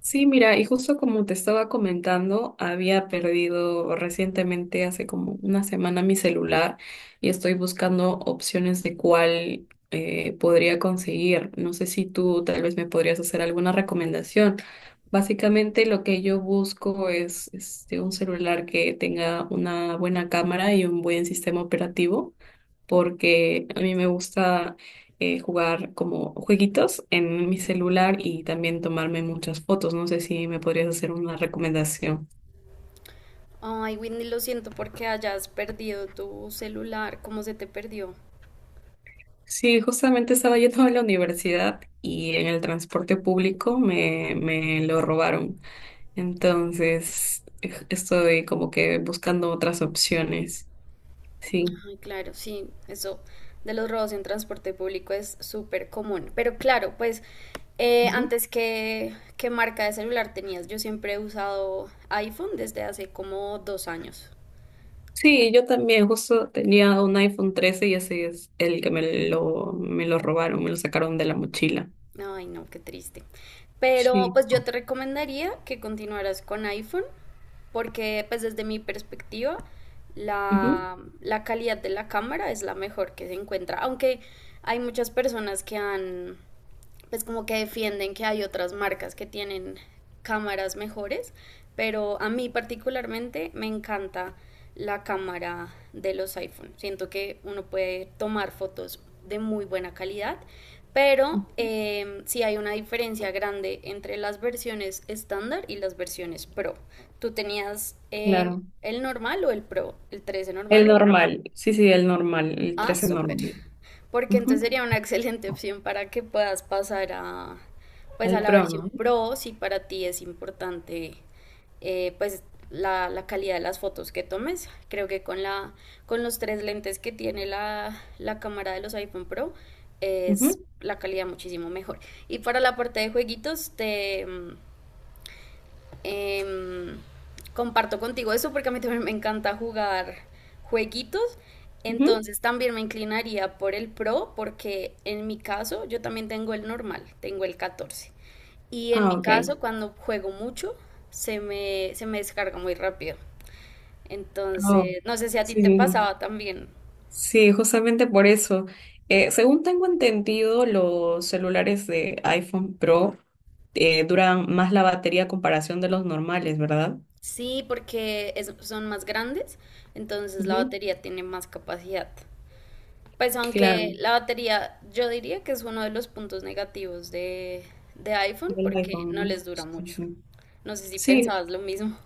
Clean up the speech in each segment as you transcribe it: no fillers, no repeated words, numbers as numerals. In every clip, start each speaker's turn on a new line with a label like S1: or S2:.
S1: Sí, mira, y justo como te estaba comentando, había perdido recientemente, hace como una semana, mi celular y estoy buscando opciones de cuál podría conseguir. No sé si tú tal vez me podrías hacer alguna recomendación. Básicamente lo que yo busco es este, un celular que tenga una buena cámara y un buen sistema operativo, porque a mí me gusta jugar como jueguitos en mi celular y también tomarme muchas fotos. No sé si me podrías hacer una recomendación.
S2: Ay, Whitney, lo siento porque hayas perdido tu celular. ¿Cómo se te perdió?
S1: Sí, justamente estaba yendo a la universidad y en el transporte público me lo robaron. Entonces estoy como que buscando otras opciones. Sí.
S2: Ay, claro, sí, eso de los robos en transporte público es súper común. Pero claro, pues antes que, ¿qué marca de celular tenías? Yo siempre he usado iPhone desde hace como dos años.
S1: Sí, yo también justo tenía un iPhone 13 y ese es el que me lo robaron, me lo sacaron de la mochila.
S2: Ay, no, qué triste. Pero
S1: Sí,
S2: pues yo te recomendaría que continuaras con iPhone, porque pues desde mi perspectiva
S1: ujú,
S2: la calidad de la cámara es la mejor que se encuentra, aunque hay muchas personas que han pues como que defienden que hay otras marcas que tienen cámaras mejores, pero a mí particularmente me encanta la cámara de los iPhone. Siento que uno puede tomar fotos de muy buena calidad, pero sí hay una diferencia grande entre las versiones estándar y las versiones Pro. ¿Tú tenías
S1: claro.
S2: el normal o el Pro? ¿El 13 normal
S1: El
S2: o el Pro?
S1: normal, sí, sí, el normal, el
S2: Ah,
S1: 13
S2: súper
S1: normal.
S2: porque entonces
S1: Ujú.
S2: sería una excelente opción para que puedas pasar a, pues a
S1: El
S2: la
S1: Pro,
S2: versión
S1: ¿no?
S2: Pro, si para ti es importante, pues la calidad de las fotos que tomes. Creo que con la, con los tres lentes que tiene la cámara de los iPhone Pro es
S1: Ujú,
S2: la calidad muchísimo mejor. Y para la parte de jueguitos, em, comparto contigo eso porque a mí también me encanta jugar jueguitos.
S1: ujú.
S2: Entonces también me inclinaría por el Pro porque en mi caso yo también tengo el normal, tengo el 14. Y en mi
S1: Ah, ok.
S2: caso cuando juego mucho se me descarga muy rápido.
S1: Oh,
S2: Entonces, no sé si a ti te
S1: sí,
S2: pasaba también.
S1: sí, justamente por eso. Según tengo entendido, los celulares de iPhone Pro duran más la batería a comparación de los normales, ¿verdad?
S2: Sí, porque son más grandes, entonces la
S1: Ujú,
S2: batería tiene más capacidad. Pues
S1: claro.
S2: aunque la batería yo diría que es uno de los puntos negativos de iPhone
S1: De los
S2: porque
S1: iPhone,
S2: no
S1: ¿no?
S2: les dura
S1: Sí,
S2: mucho.
S1: sí.
S2: No sé si
S1: Sí,
S2: pensabas lo mismo.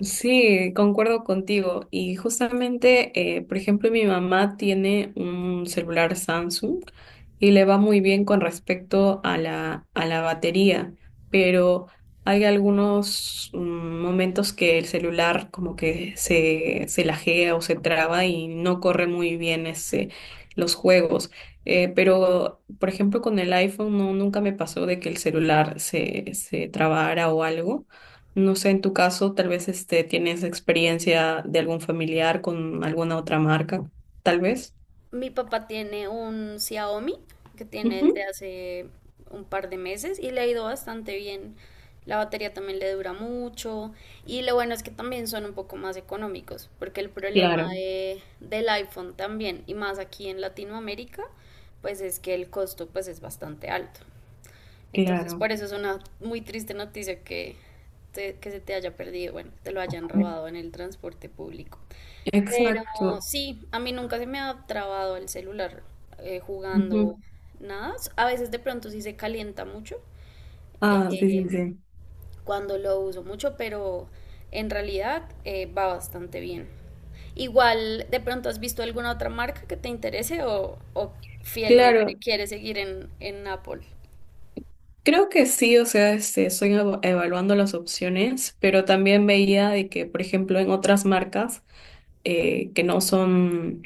S1: sí, concuerdo contigo. Y justamente, por ejemplo, mi mamá tiene un celular Samsung y le va muy bien con respecto a la batería, pero hay algunos momentos que el celular como que se lajea o se traba y no corre muy bien ese, los juegos. Pero, por ejemplo, con el iPhone no, nunca me pasó de que el celular se trabara o algo. No sé, en tu caso, tal vez este, tienes experiencia de algún familiar con alguna otra marca, tal vez.
S2: Mi papá tiene un Xiaomi que tiene
S1: Ujú,
S2: desde hace un par de meses y le ha ido bastante bien. La batería también le dura mucho y lo bueno es que también son un poco más económicos porque el problema
S1: claro,
S2: del iPhone también y más aquí en Latinoamérica pues es que el costo pues es bastante alto. Entonces,
S1: claro.
S2: por eso es una muy triste noticia que se te haya perdido, bueno, te lo hayan robado en el transporte público. Pero
S1: Exacto.
S2: sí, a mí nunca se me ha trabado el celular
S1: Ujú.
S2: jugando nada. A veces de pronto sí se calienta mucho
S1: Ah, sí,
S2: eh,
S1: sí, sí.
S2: cuando lo uso mucho, pero en realidad va bastante bien. Igual, de pronto has visto alguna otra marca que te interese o fielmente
S1: Claro,
S2: quieres seguir en Apple.
S1: creo que sí, o sea, este, estoy evaluando las opciones, pero también veía de que, por ejemplo, en otras marcas que no son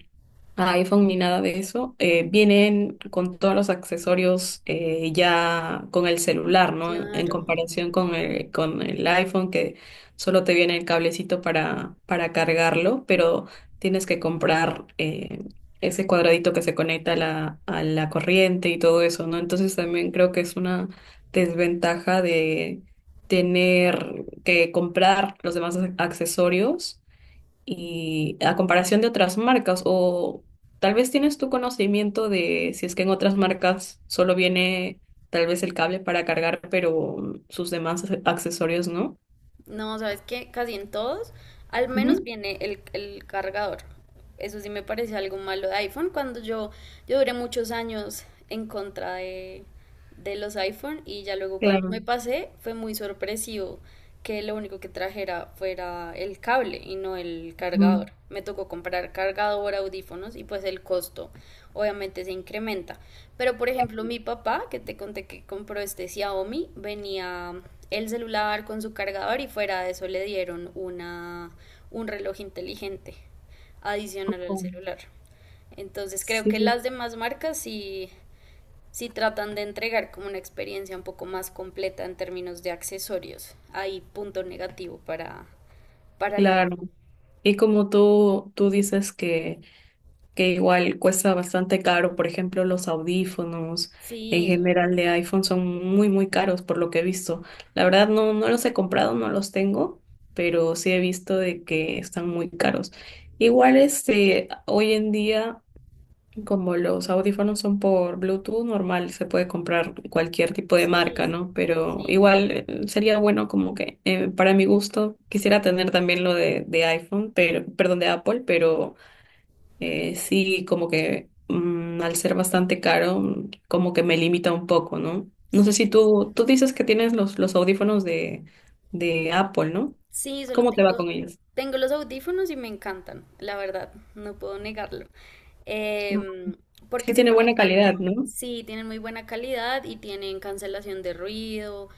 S1: a iPhone ni nada de eso, vienen con todos los accesorios ya con el celular, ¿no? En
S2: Claro.
S1: comparación con el iPhone que solo te viene el cablecito para cargarlo, pero tienes que comprar ese cuadradito que se conecta a la corriente y todo eso, ¿no? Entonces también creo que es una desventaja de tener que comprar los demás accesorios y a comparación de otras marcas o tal vez tienes tu conocimiento de si es que en otras marcas solo viene tal vez el cable para cargar, pero sus demás accesorios no.
S2: No, sabes que casi en todos, al menos
S1: Ujú,
S2: viene el cargador. Eso sí me parece algo malo de iPhone. Yo duré muchos años en contra de los iPhone y ya luego cuando me
S1: claro.
S2: pasé fue muy sorpresivo que lo único que trajera fuera el cable y no el
S1: Ujú.
S2: cargador. Me tocó comprar cargador, audífonos y pues el costo obviamente se incrementa. Pero por ejemplo mi papá, que te conté que compró este Xiaomi, venía el celular con su cargador y fuera de eso le dieron una, un reloj inteligente adicional al celular. Entonces creo
S1: Sí,
S2: que
S1: sí,
S2: las demás marcas sí, sí tratan de entregar como una experiencia un poco más completa en términos de accesorios. Hay punto negativo para el
S1: claro.
S2: iPhone.
S1: Y como tú dices que igual cuesta bastante caro. Por ejemplo, los audífonos en
S2: Sí,
S1: general de iPhone son muy, muy caros por lo que he visto. La verdad no, no los he comprado, no los tengo, pero sí he visto de que están muy caros. Igual este, hoy en día, como los audífonos son por Bluetooth normal, se puede comprar cualquier tipo de marca,
S2: sí,
S1: ¿no? Pero
S2: sí,
S1: igual
S2: total.
S1: sería bueno como que para mi gusto quisiera tener también lo de iPhone, pero, perdón, de Apple, pero sí, como que al ser bastante caro, como que me limita un poco, ¿no? No sé si
S2: Sí.
S1: tú dices que tienes los audífonos de Apple, ¿no?
S2: Sí, solo
S1: ¿Cómo te va
S2: tengo,
S1: con ellos?
S2: tengo los audífonos y me encantan, la verdad, no puedo negarlo.
S1: No.
S2: Em,
S1: Sí
S2: Porque se
S1: tiene buena
S2: conectan,
S1: calidad, no.
S2: sí, tienen muy buena calidad y tienen cancelación de ruido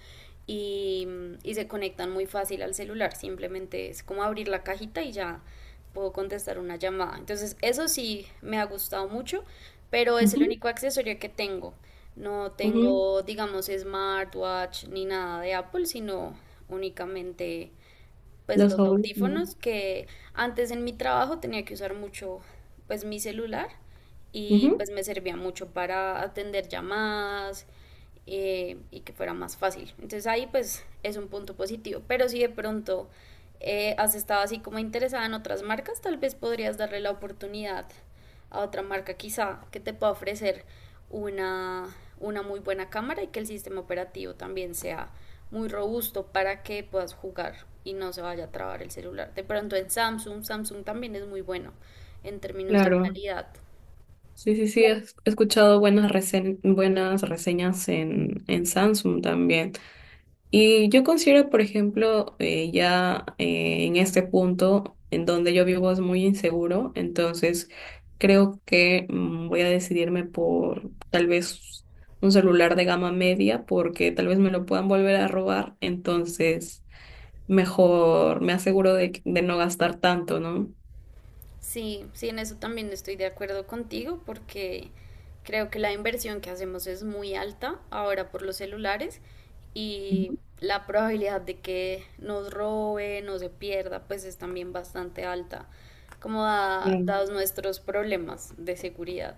S2: y, y se conectan muy fácil al celular. Simplemente es como abrir la cajita y ya puedo contestar una llamada. Entonces, eso sí me ha gustado mucho, pero es el
S1: Ujú,
S2: único accesorio que tengo. No
S1: ujú.
S2: tengo, digamos, smartwatch ni nada de Apple, sino únicamente pues
S1: Los
S2: los
S1: audífonos.
S2: audífonos que antes en mi trabajo tenía que usar mucho pues mi celular
S1: ¿No?
S2: y
S1: Ujú,
S2: pues me servía mucho para atender llamadas y que fuera más fácil. Entonces ahí pues es un punto positivo, pero si de pronto has estado así como interesada en otras marcas, tal vez podrías darle la oportunidad a otra marca quizá que te pueda ofrecer una, una muy buena cámara y que el sistema operativo también sea muy robusto para que puedas jugar y no se vaya a trabar el celular. De pronto en Samsung, Samsung también es muy bueno en términos de
S1: claro.
S2: calidad.
S1: Sí, sí, sí, he escuchado buenas, buenas reseñas en Samsung también. Y yo considero, por ejemplo, ya en este punto en donde yo vivo es muy inseguro, entonces creo que voy a decidirme por tal vez un celular de gama media porque tal vez me lo puedan volver a robar, entonces mejor me aseguro de, de no gastar tanto, ¿no?
S2: Sí, sí, en eso también estoy de acuerdo contigo porque creo que la inversión que hacemos es muy alta ahora por los celulares y
S1: Ujú,
S2: la probabilidad de que nos roben o se pierda pues es también bastante alta, como
S1: bien,
S2: dados nuestros problemas de seguridad.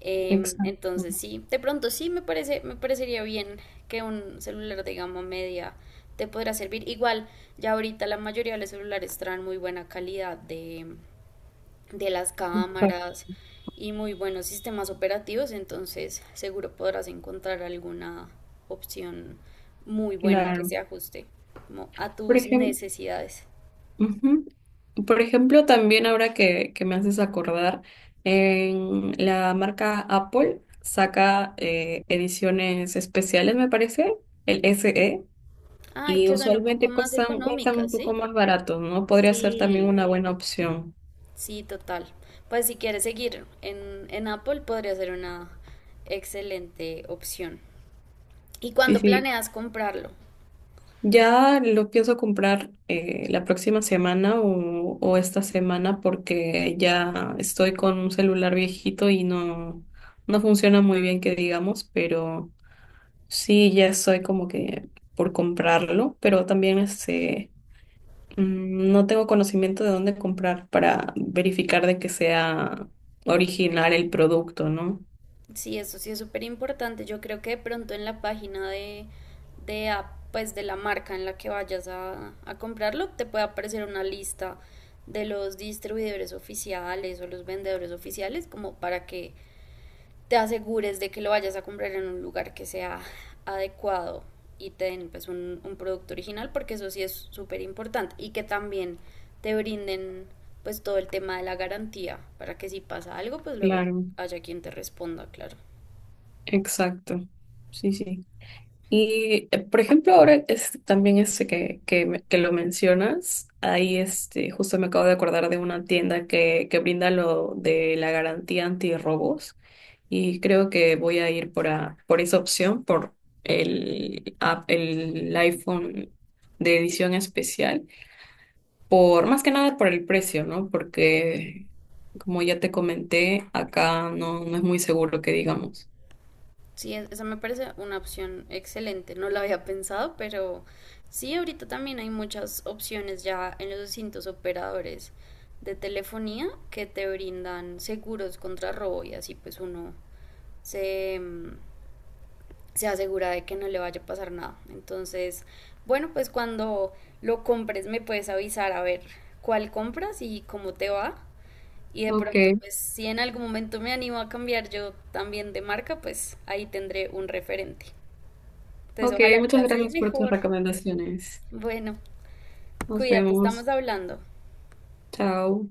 S1: exacto.
S2: Entonces sí, de pronto sí me parecería bien que un celular de gama media te podrá servir. Igual, ya ahorita la mayoría de los celulares traen muy buena calidad de las
S1: Ah,
S2: cámaras y muy buenos sistemas operativos, entonces seguro podrás encontrar alguna opción muy buena que
S1: claro.
S2: se ajuste como a
S1: Por
S2: tus
S1: ejemplo,
S2: necesidades.
S1: ujú. Por ejemplo, también ahora que me haces acordar, en la marca Apple saca ediciones especiales, me parece, el SE,
S2: Ay,
S1: y
S2: que son un poco
S1: usualmente
S2: más
S1: cuestan, cuestan
S2: económicas,
S1: un
S2: ¿sí?
S1: poco más baratos, ¿no? Podría ser también
S2: Sí,
S1: una buena opción.
S2: sí, total. Pues si quieres seguir en Apple podría ser una excelente opción. ¿Y
S1: Y
S2: cuando
S1: sí,
S2: planeas comprarlo?
S1: ya lo pienso comprar la próxima semana o esta semana porque ya estoy con un celular viejito y no, no funciona muy bien, que digamos, pero... Sí, ya estoy como que por comprarlo, pero también este, no tengo conocimiento de dónde comprar para verificar de que sea original el producto, ¿no?
S2: Sí, eso sí es súper importante. Yo creo que de pronto en la página de, pues de la marca en la que vayas a comprarlo, te puede aparecer una lista de los distribuidores oficiales o los vendedores oficiales, como para que te asegures de que lo vayas a comprar en un lugar que sea adecuado y te den pues un producto original, porque eso sí es súper importante. Y que también te brinden pues todo el tema de la garantía, para que si pasa algo, pues luego
S1: Claro,
S2: haya quien te responda, claro.
S1: exacto. Sí, sí. Y, por ejemplo, ahora es también este que, que lo mencionas, ahí este, justo me acabo de acordar de una tienda que brinda lo de la garantía antirrobos. Y creo que voy a ir por, por esa opción, por el, el iPhone de edición especial, por más que nada por el precio, ¿no? Porque, como ya te comenté, acá no, no es muy seguro que digamos.
S2: Sí, esa me parece una opción excelente. No la había pensado, pero sí, ahorita también hay muchas opciones ya en los distintos operadores de telefonía que te brindan seguros contra robo y así pues uno se, mm, se asegura de que no le vaya a pasar nada. Entonces, bueno, pues cuando lo compres me puedes avisar a ver cuál compras y cómo te va. Y de
S1: Ok,
S2: pronto, pues si en algún momento me animo a cambiar yo también de marca, pues ahí tendré un referente. Entonces,
S1: ok,
S2: ojalá
S1: muchas
S2: elijas el
S1: gracias por tus
S2: mejor.
S1: recomendaciones.
S2: Bueno,
S1: Nos
S2: cuídate,
S1: vemos.
S2: estamos hablando.
S1: Chao.